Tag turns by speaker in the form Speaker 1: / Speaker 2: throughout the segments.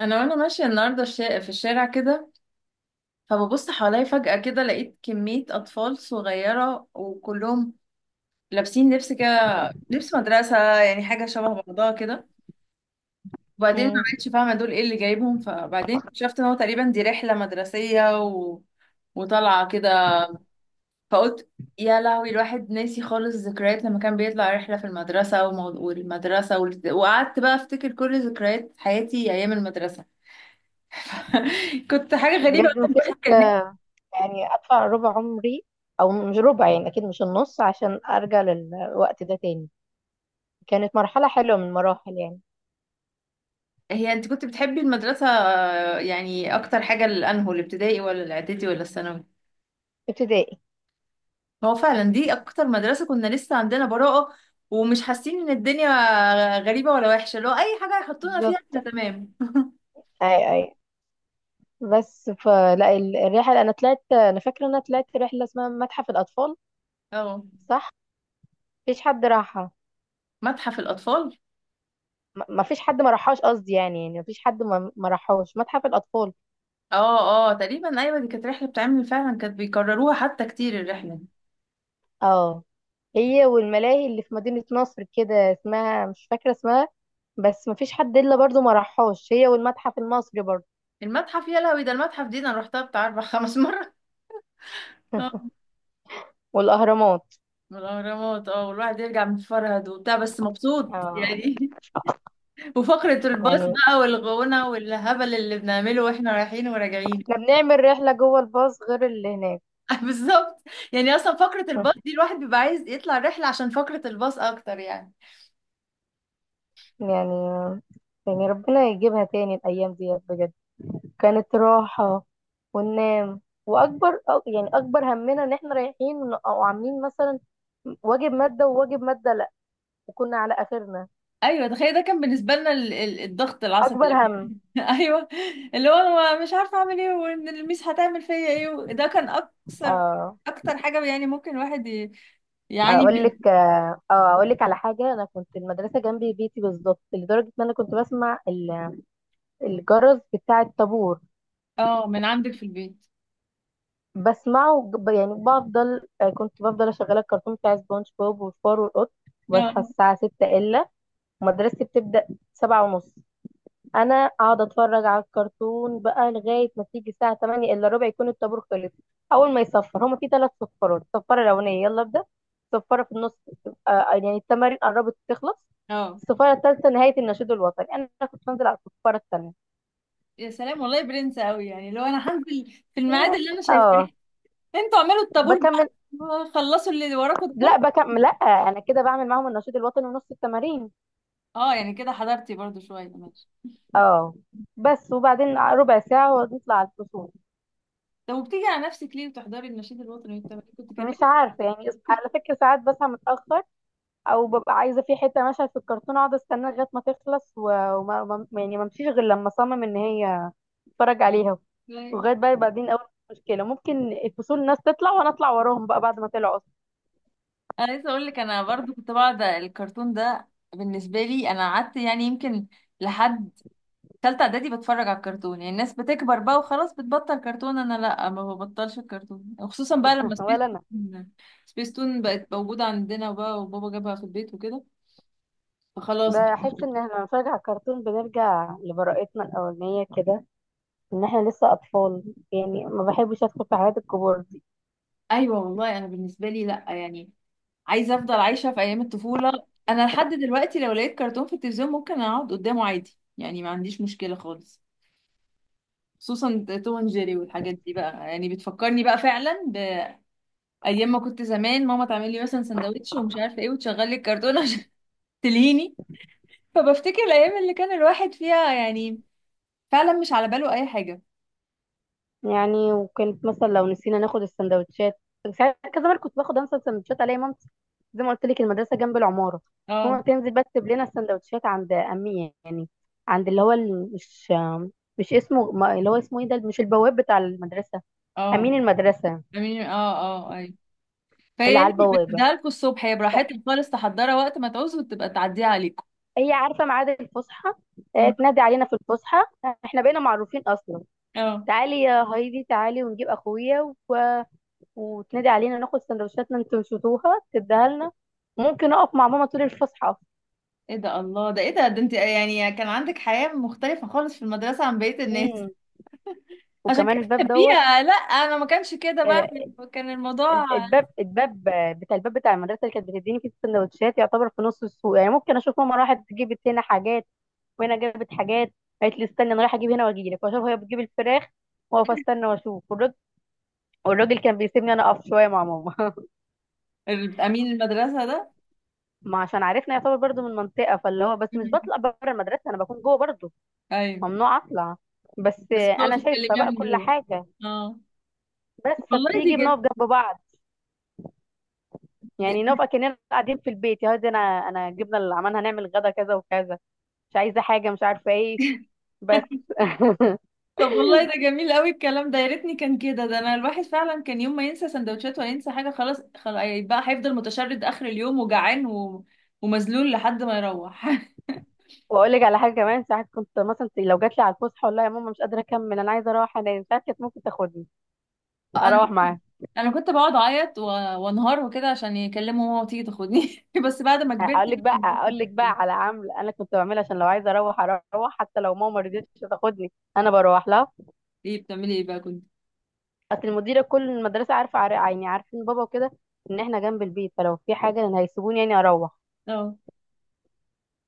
Speaker 1: انا وانا ماشيه النهارده في الشارع كده. فببص حواليا فجاه كده، لقيت كميه اطفال صغيره وكلهم لابسين لبس كده، لبس مدرسه، يعني حاجه شبه بعضها كده. وبعدين ما
Speaker 2: مم.
Speaker 1: بقتش فاهمه دول ايه اللي جايبهم، فبعدين اكتشفت ان هو تقريبا دي رحله مدرسيه وطالعه كده. فقلت يا لهوي، الواحد ناسي خالص ذكريات لما كان بيطلع رحله في المدرسه والمدرسه وقعدت بقى افتكر كل ذكريات حياتي ايام المدرسه. كنت حاجه غريبه
Speaker 2: بجد مفيش.
Speaker 1: الواحد.
Speaker 2: آه، يعني ادفع ربع عمري، او مش ربع، يعني اكيد مش النص عشان ارجع للوقت ده تاني. كانت مرحله حلوه من المراحل، يعني.
Speaker 1: هي انت كنت بتحبي المدرسة؟ آه، يعني اكتر حاجة لانهو الابتدائي ولا الاعدادي ولا الثانوي؟
Speaker 2: ابتدائي.
Speaker 1: هو فعلا دي اكتر مدرسة كنا لسه عندنا براءة، ومش حاسين ان الدنيا غريبة ولا وحشة، لو اي حاجة يحطونا فيها
Speaker 2: بالظبط.
Speaker 1: احنا تمام.
Speaker 2: اي اي. بس الرحله، انا فاكره ان انا طلعت رحله اسمها متحف الاطفال.
Speaker 1: اه،
Speaker 2: صح. مفيش حد راحها.
Speaker 1: متحف الاطفال.
Speaker 2: مفيش حد ما راحهاش، قصدي، يعني مفيش حد ما راحهاش متحف الاطفال.
Speaker 1: اه اه، تقريبا ايوه، دي كانت رحلة بتعمل فعلا، كانت بيكرروها حتى كتير الرحلة.
Speaker 2: اه. هي والملاهي اللي في مدينة نصر كده، اسمها مش فاكرة اسمها. بس مفيش حد الا برضو ما راحهاش، هي والمتحف المصري برضو.
Speaker 1: المتحف يا لهوي، ده المتحف دي انا رحتها بتاع اربع خمس مرات. اه،
Speaker 2: والاهرامات.
Speaker 1: والاهرامات. اه، والواحد يرجع متفرهد وبتاع، بس مبسوط
Speaker 2: اه.
Speaker 1: يعني. وفقرة الباص
Speaker 2: يعني
Speaker 1: بقى، والغونة والهبل اللي بنعمله واحنا رايحين وراجعين.
Speaker 2: احنا بنعمل رحلة جوه الباص غير اللي هناك.
Speaker 1: بالظبط. يعني اصلا فقرة الباص دي الواحد بيبقى عايز يطلع رحلة عشان فقرة الباص اكتر يعني.
Speaker 2: يعني، يعني ربنا يجيبها تاني الايام دي بجد. كانت راحة، وننام. يعني اكبر همنا ان احنا رايحين او عاملين مثلا واجب مادة، وواجب مادة لا. وكنا على اخرنا.
Speaker 1: ايوه، تخيل، ده كان بالنسبة لنا الضغط العصبي
Speaker 2: اكبر
Speaker 1: اللي فيه.
Speaker 2: هم.
Speaker 1: ايوه. اللي هو انا مش عارفة اعمل ايه، وان الميس هتعمل فيا ايه، ده كان اكثر
Speaker 2: اه.
Speaker 1: اكتر حاجة يعني ممكن يعاني من.
Speaker 2: اقول لك على حاجه. انا كنت المدرسه جنبي بيتي بالظبط، لدرجه ان انا كنت بسمع الجرس بتاع الطابور.
Speaker 1: اه، من عندك في البيت.
Speaker 2: يعني بفضل آه، كنت بفضل اشغل الكرتون بتاع سبونج بوب وفار والقط، وبصحى
Speaker 1: اه
Speaker 2: الساعه 6 الا. مدرستي بتبدا 7 ونص. انا اقعد اتفرج على الكرتون بقى لغايه ما تيجي الساعه 8 الا ربع، يكون الطابور خلص. اول ما يصفر، هما في ثلاث صفارات. الصفاره الاولانيه يلا ابدا. الصفاره في النص، يعني التمارين قربت تخلص.
Speaker 1: اه،
Speaker 2: الصفاره الثالثه نهايه النشيد الوطني. انا كنت بنزل على الصفاره الثانيه.
Speaker 1: يا سلام، والله برنس قوي يعني. لو انا هنزل في الميعاد
Speaker 2: إيه،
Speaker 1: اللي انا شايفاه،
Speaker 2: اه.
Speaker 1: انتوا اعملوا الطابور
Speaker 2: بكمل.
Speaker 1: بقى، خلصوا اللي وراكوا ده
Speaker 2: لا
Speaker 1: كله.
Speaker 2: بكمل لا. انا كده بعمل معاهم النشيد الوطني ونص التمارين.
Speaker 1: اه يعني كده حضرتي برضو شويه ماشي.
Speaker 2: اه. بس وبعدين ربع ساعه ونطلع على الفصول.
Speaker 1: طب وبتيجي على نفسك ليه وتحضري النشيد الوطني والتمارين؟ كنت
Speaker 2: مش
Speaker 1: كملي.
Speaker 2: عارفه يعني، على فكره ساعات بصحى متاخر، او ببقى عايزه في حته مشهد في الكرتون، اقعد استناه لغايه ما تخلص، و- وما ما- يعني ما امشيش غير لما اصمم ان هي اتفرج عليها.
Speaker 1: ايوه.
Speaker 2: لغايه بقى بعدين اول مشكله، ممكن الفصول الناس تطلع وانا اطلع وراهم بقى بعد ما طلعوا اصلا.
Speaker 1: انا لسه اقول لك، انا برضو كنت بقعد الكرتون ده. بالنسبه لي انا قعدت يعني يمكن لحد ثالثه اعدادي بتفرج على الكرتون. يعني الناس بتكبر بقى وخلاص بتبطل كرتون، انا لا، ما ببطلش الكرتون، وخصوصا بقى لما سبيس
Speaker 2: ولا انا.
Speaker 1: تون، سبيس تون بقت موجوده عندنا بقى، وبابا جابها في البيت وكده، فخلاص.
Speaker 2: بحس ان احنا لما بنتفرج على الكرتون بنرجع لبراءتنا الاولانيه كده، ان احنا لسه اطفال. يعني ما بحبش ادخل في حياه الكبار.
Speaker 1: ايوه، والله انا بالنسبه لي لا يعني، عايزه افضل عايشه في ايام الطفوله. انا لحد دلوقتي لو لقيت كرتون في التلفزيون ممكن اقعد قدامه عادي، يعني ما عنديش مشكله خالص. خصوصا توم اند جيري والحاجات دي بقى، يعني بتفكرني بقى فعلا بايام ما كنت زمان ماما تعمل لي مثلا سندوتش ومش عارفه ايه، وتشغل لي الكرتون عشان تلهيني. فبفتكر الايام اللي كان الواحد فيها يعني فعلا مش على باله اي حاجه.
Speaker 2: يعني وكانت مثلا لو نسينا ناخد السندوتشات. ساعات كذا مرة كنت باخد، انسى السندوتشات الاقي مامتي، زي ما قلت لك المدرسة جنب العمارة، ماما
Speaker 1: اه
Speaker 2: تنزل بقى تسيب لنا السندوتشات عند أمية، يعني عند اللي هو ال- مش مش اسمه ما- اللي هو اسمه ايه ده، مش البواب بتاع المدرسة،
Speaker 1: اه،
Speaker 2: أمين المدرسة،
Speaker 1: امين، اه اه ايوه. فهي
Speaker 2: اللي على
Speaker 1: يعني
Speaker 2: البوابة.
Speaker 1: بتديها لكم الصبح، هي براحتك خالص تحضرها وقت ما تعوزوا، وتبقى تعديها عليكم.
Speaker 2: هي عارفة ميعاد الفسحة،
Speaker 1: أمم،
Speaker 2: تنادي علينا في الفسحة. احنا بقينا معروفين أصلا.
Speaker 1: اه.
Speaker 2: تعالي يا هايدي تعالي ونجيب أخويا، وتنادي علينا ناخد سندوتشاتنا انتوا نسيتوها تديها لنا. ممكن اقف مع ماما طول الفسحه.
Speaker 1: ايه ده؟ الله، ده ايه ده؟ ده انت يعني كان عندك حياة مختلفة خالص في المدرسة عن بقية الناس.
Speaker 2: امم.
Speaker 1: عشان
Speaker 2: وكمان
Speaker 1: كده
Speaker 2: الباب دوت.
Speaker 1: بتحبيها. لا انا ما كانش كده بقى،
Speaker 2: ال-
Speaker 1: إحنا كان الموضوع.
Speaker 2: ال- الباب الباب الباب بتاع المدرسه اللي كانت بتديني فيه السندوتشات، يعتبر في نص السوق. يعني ممكن اشوف ماما راحت جابت هنا حاجات، وهنا جابت حاجات، قالت لي استني انا رايحه اجيب هنا واجي لك، واشوف هي بتجيب الفراخ، واقف استنى واشوف. والراجل كان بيسيبني انا اقف شويه مع ماما.
Speaker 1: الامين المدرسة ده.
Speaker 2: ما عشان عرفنا، يعتبر برضو من منطقه، فاللي هو بس مش
Speaker 1: مم.
Speaker 2: بطلع بره المدرسه، انا بكون جوه برضو.
Speaker 1: ايوه.
Speaker 2: ممنوع اطلع، بس
Speaker 1: بس
Speaker 2: انا
Speaker 1: بتقعدي
Speaker 2: شايفه
Speaker 1: تكلميها
Speaker 2: بقى
Speaker 1: من
Speaker 2: كل
Speaker 1: جوه.
Speaker 2: حاجه.
Speaker 1: اه،
Speaker 2: بس
Speaker 1: والله دي
Speaker 2: فبتيجي
Speaker 1: جم...
Speaker 2: بنقف جنب بعض. يعني
Speaker 1: دي-
Speaker 2: نقف اكننا قاعدين في البيت، يا هادي، انا جبنا اللي عملنا، هنعمل غدا كذا وكذا، مش عايزه حاجه، مش عارفه ايه بس.
Speaker 1: طب والله ده جميل قوي الكلام ده، يا ريتني كان كده. ده انا الواحد فعلا كان يوم ما ينسى سندوتشات ولا ينسى حاجة، خلاص خلاص بقى هيفضل متشرد اخر اليوم وجعان ومذلول لحد ما يروح.
Speaker 2: واقول لك على حاجه كمان. ساعات كنت مثلا لو جات لي على الفسحه، والله يا ماما مش قادره اكمل، انا عايزه اروح. انا ساعات كانت ممكن تاخدني
Speaker 1: انا
Speaker 2: اروح معاها.
Speaker 1: كنت بقعد اعيط وانهار وكده عشان يكلموا ماما وتيجي تاخدني. بس بعد ما كبرت.
Speaker 2: اقول لك بقى على عمل انا كنت بعملها، عشان لو عايزه اروح اروح حتى لو ماما ما رضيتش تاخدني، انا بروح لها.
Speaker 1: ايه بتعملي ايه بقى كنت؟
Speaker 2: اصل المديره كل المدرسه عارفه يعني عارفين بابا وكده، ان احنا جنب البيت، فلو في حاجه إن هيسيبوني يعني اروح.
Speaker 1: اه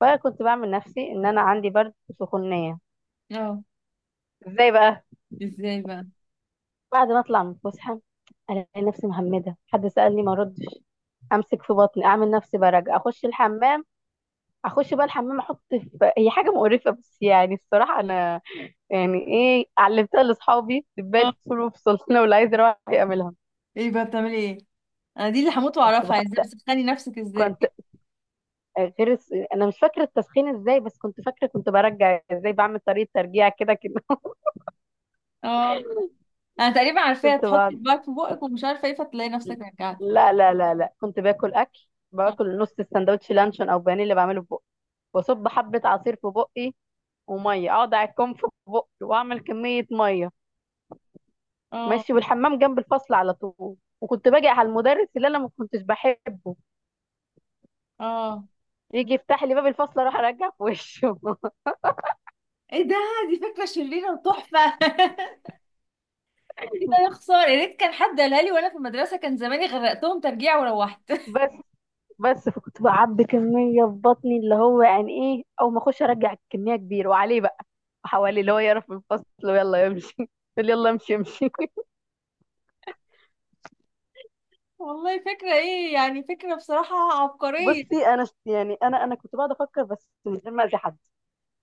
Speaker 2: فانا كنت بعمل نفسي ان انا عندي برد وسخونيه.
Speaker 1: اه،
Speaker 2: ازاي بقى؟
Speaker 1: ازاي بقى؟
Speaker 2: بعد ما اطلع من الفسحه، الاقي نفسي مهمده، حد سالني ما ردش، امسك في بطني اعمل نفسي برجع، اخش الحمام. اخش بقى الحمام، احط في هي حاجه مقرفه بس، يعني الصراحه انا يعني ايه، علمتها لاصحابي دبال
Speaker 1: اه،
Speaker 2: فصول وفصول، لو اللي عايز يروح يعملها.
Speaker 1: ايه بقى بتعملي ايه؟ انا دي اللي هموت
Speaker 2: كنت
Speaker 1: واعرفها،
Speaker 2: بحط
Speaker 1: ازاي بتسخني نفسك ازاي؟
Speaker 2: كنت غير الس- انا مش فاكره التسخين ازاي، بس كنت فاكره كنت برجع ازاي، بعمل طريقه ترجيع كده كده.
Speaker 1: اه. انا تقريبا عارفاها،
Speaker 2: كنت
Speaker 1: تحطي
Speaker 2: بعد،
Speaker 1: صباعك في بقك ومش عارفه ايه، فتلاقي نفسك رجعت.
Speaker 2: لا لا لا لا، كنت باكل اكل،
Speaker 1: اه
Speaker 2: باكل نص السندوتش لانشون او بانيه اللي بعمله في بقي، واصب حبه عصير في بقي وميه، اقعد اعكم في بقي واعمل كميه ميه.
Speaker 1: اه
Speaker 2: ماشي، والحمام جنب الفصل على طول. وكنت باجي على المدرس اللي انا ما كنتش بحبه،
Speaker 1: اه.
Speaker 2: يجي يفتح لي باب الفصل، اروح ارجع في وشه.
Speaker 1: ايه ده، دي فكره شريره وتحفه. ايه ده يا خساره، يا ريت كان حد قالها لي وانا في المدرسه، كان زماني غرقتهم ترجيع وروحت.
Speaker 2: بس بس فكنت بعبي كميه في بطني، اللي هو يعني ايه، او ما اخش ارجع كميه كبيره وعليه بقى حواليه اللي هو، يعرف من الفصل ويلا يمشي. يقول يلا امشي امشي.
Speaker 1: والله فكرة ايه يعني، فكرة بصراحة عبقرية.
Speaker 2: بصي، يعني انا كنت بقعد افكر بس من غير ما اذي حد.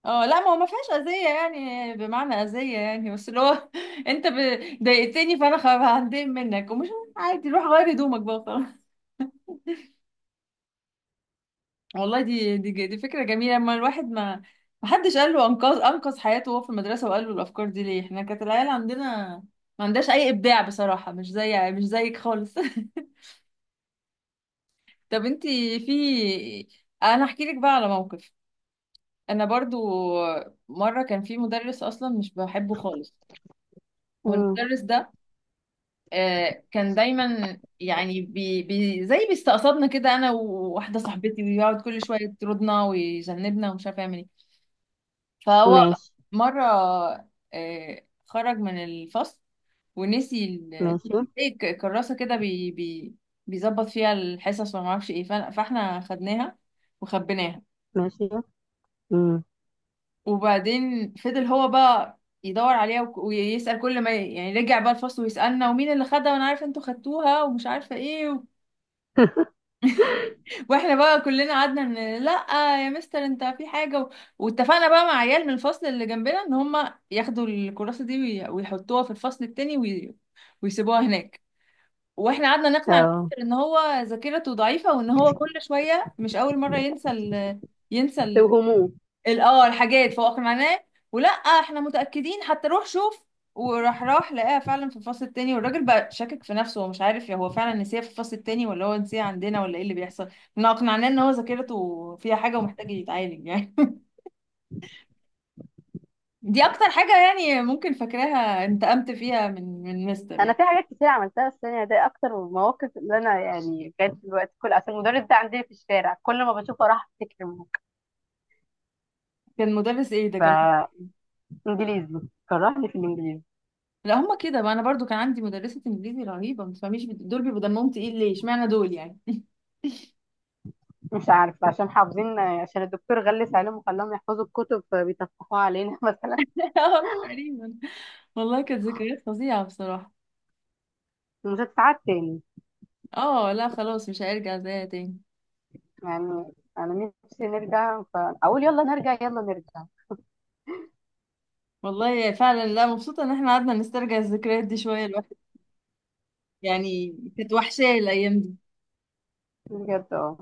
Speaker 1: اه لا، ما هو ما فيهاش اذية يعني، بمعنى اذية يعني، بس اللي هو انت ضايقتني فانا هندم منك، ومش عادي روح غير هدومك بقى خلاص. والله دي دي فكرة جميلة. اما الواحد ما حدش قال له انقذ حياته وهو في المدرسة وقال له الافكار دي ليه. احنا كانت العيال عندنا ما عندهاش اي ابداع بصراحة، مش زي، مش زيك خالص. طب انتي في، انا احكي لك بقى على موقف. انا برضو مره كان في مدرس اصلا مش بحبه خالص.
Speaker 2: مم.
Speaker 1: والمدرس ده آه، كان دايما يعني بي بي زي بيستقصدنا كده، انا وواحده صاحبتي، ويقعد كل شويه يطردنا ويذنبنا ومش عارف يعمل ايه. فهو
Speaker 2: ماشي
Speaker 1: مره آه، خرج من الفصل ونسي
Speaker 2: ماشي
Speaker 1: زي كراسه كده، بي بي بيظبط فيها الحصص وما اعرفش ايه، فاحنا خدناها وخبيناها.
Speaker 2: ماشي. مم.
Speaker 1: وبعدين فضل هو بقى يدور عليها، ويسأل كل ما يعني رجع بقى الفصل ويسألنا ومين اللي خدها، وانا عارفه انتوا خدتوها ومش عارفه ايه واحنا بقى كلنا قعدنا ان لا، يا مستر انت في حاجه واتفقنا بقى مع عيال من الفصل اللي جنبنا ان هم ياخدوا الكراسه دي ويحطوها في الفصل التاني ويسيبوها هناك. واحنا قعدنا نقنع
Speaker 2: اه.
Speaker 1: المستر ان هو ذاكرته ضعيفه، وان هو كل شويه مش اول مره ينسى ال... ينسى
Speaker 2: وهموم.
Speaker 1: اه الحاجات فوق معناه، ولا احنا متأكدين حتى روح شوف. وراح لقاها فعلا في الفصل التاني، والراجل بقى شاكك في نفسه ومش عارف يا هو فعلا نسيها في الفصل التاني ولا هو نسيها عندنا ولا ايه اللي بيحصل. احنا اقنعناه ان هو ذاكرته فيها حاجة ومحتاج يتعالج يعني. دي اكتر حاجة يعني ممكن فاكراها انتقمت فيها من مستر
Speaker 2: انا
Speaker 1: يعني.
Speaker 2: في حاجات كتير عملتها السنه دي، اكتر من المواقف اللي انا يعني كانت في الوقت كله عشان المدرس ده عندنا في الشارع، كل ما بشوفه راح افتكر الموقف.
Speaker 1: كان مدرس ايه ده، كان؟
Speaker 2: فانجليزي. كرهني في الانجليزي.
Speaker 1: لا هما كده بقى، انا برضو كان عندي مدرسة انجليزي رهيبة ما تفهميش، بت- دول بيبقوا دمهم تقيل ليه، اشمعنى دول يعني؟
Speaker 2: مش عارفة، عشان حافظين، عشان الدكتور غلس عليهم وخلاهم يحفظوا الكتب فبيطفحوها علينا مثلا.
Speaker 1: اه تقريبا. والله كانت ذكريات فظيعة بصراحة.
Speaker 2: مش هتتعاد تاني
Speaker 1: اه لا خلاص، مش هيرجع زيها تاني.
Speaker 2: يعني. أنا نفسي نرجع فأقول يلا نرجع يلا نرجع.
Speaker 1: والله فعلا، لا مبسوطة ان احنا قعدنا نسترجع الذكريات دي شوية الواحد، يعني كانت وحشاه الايام دي.
Speaker 2: بجد اه.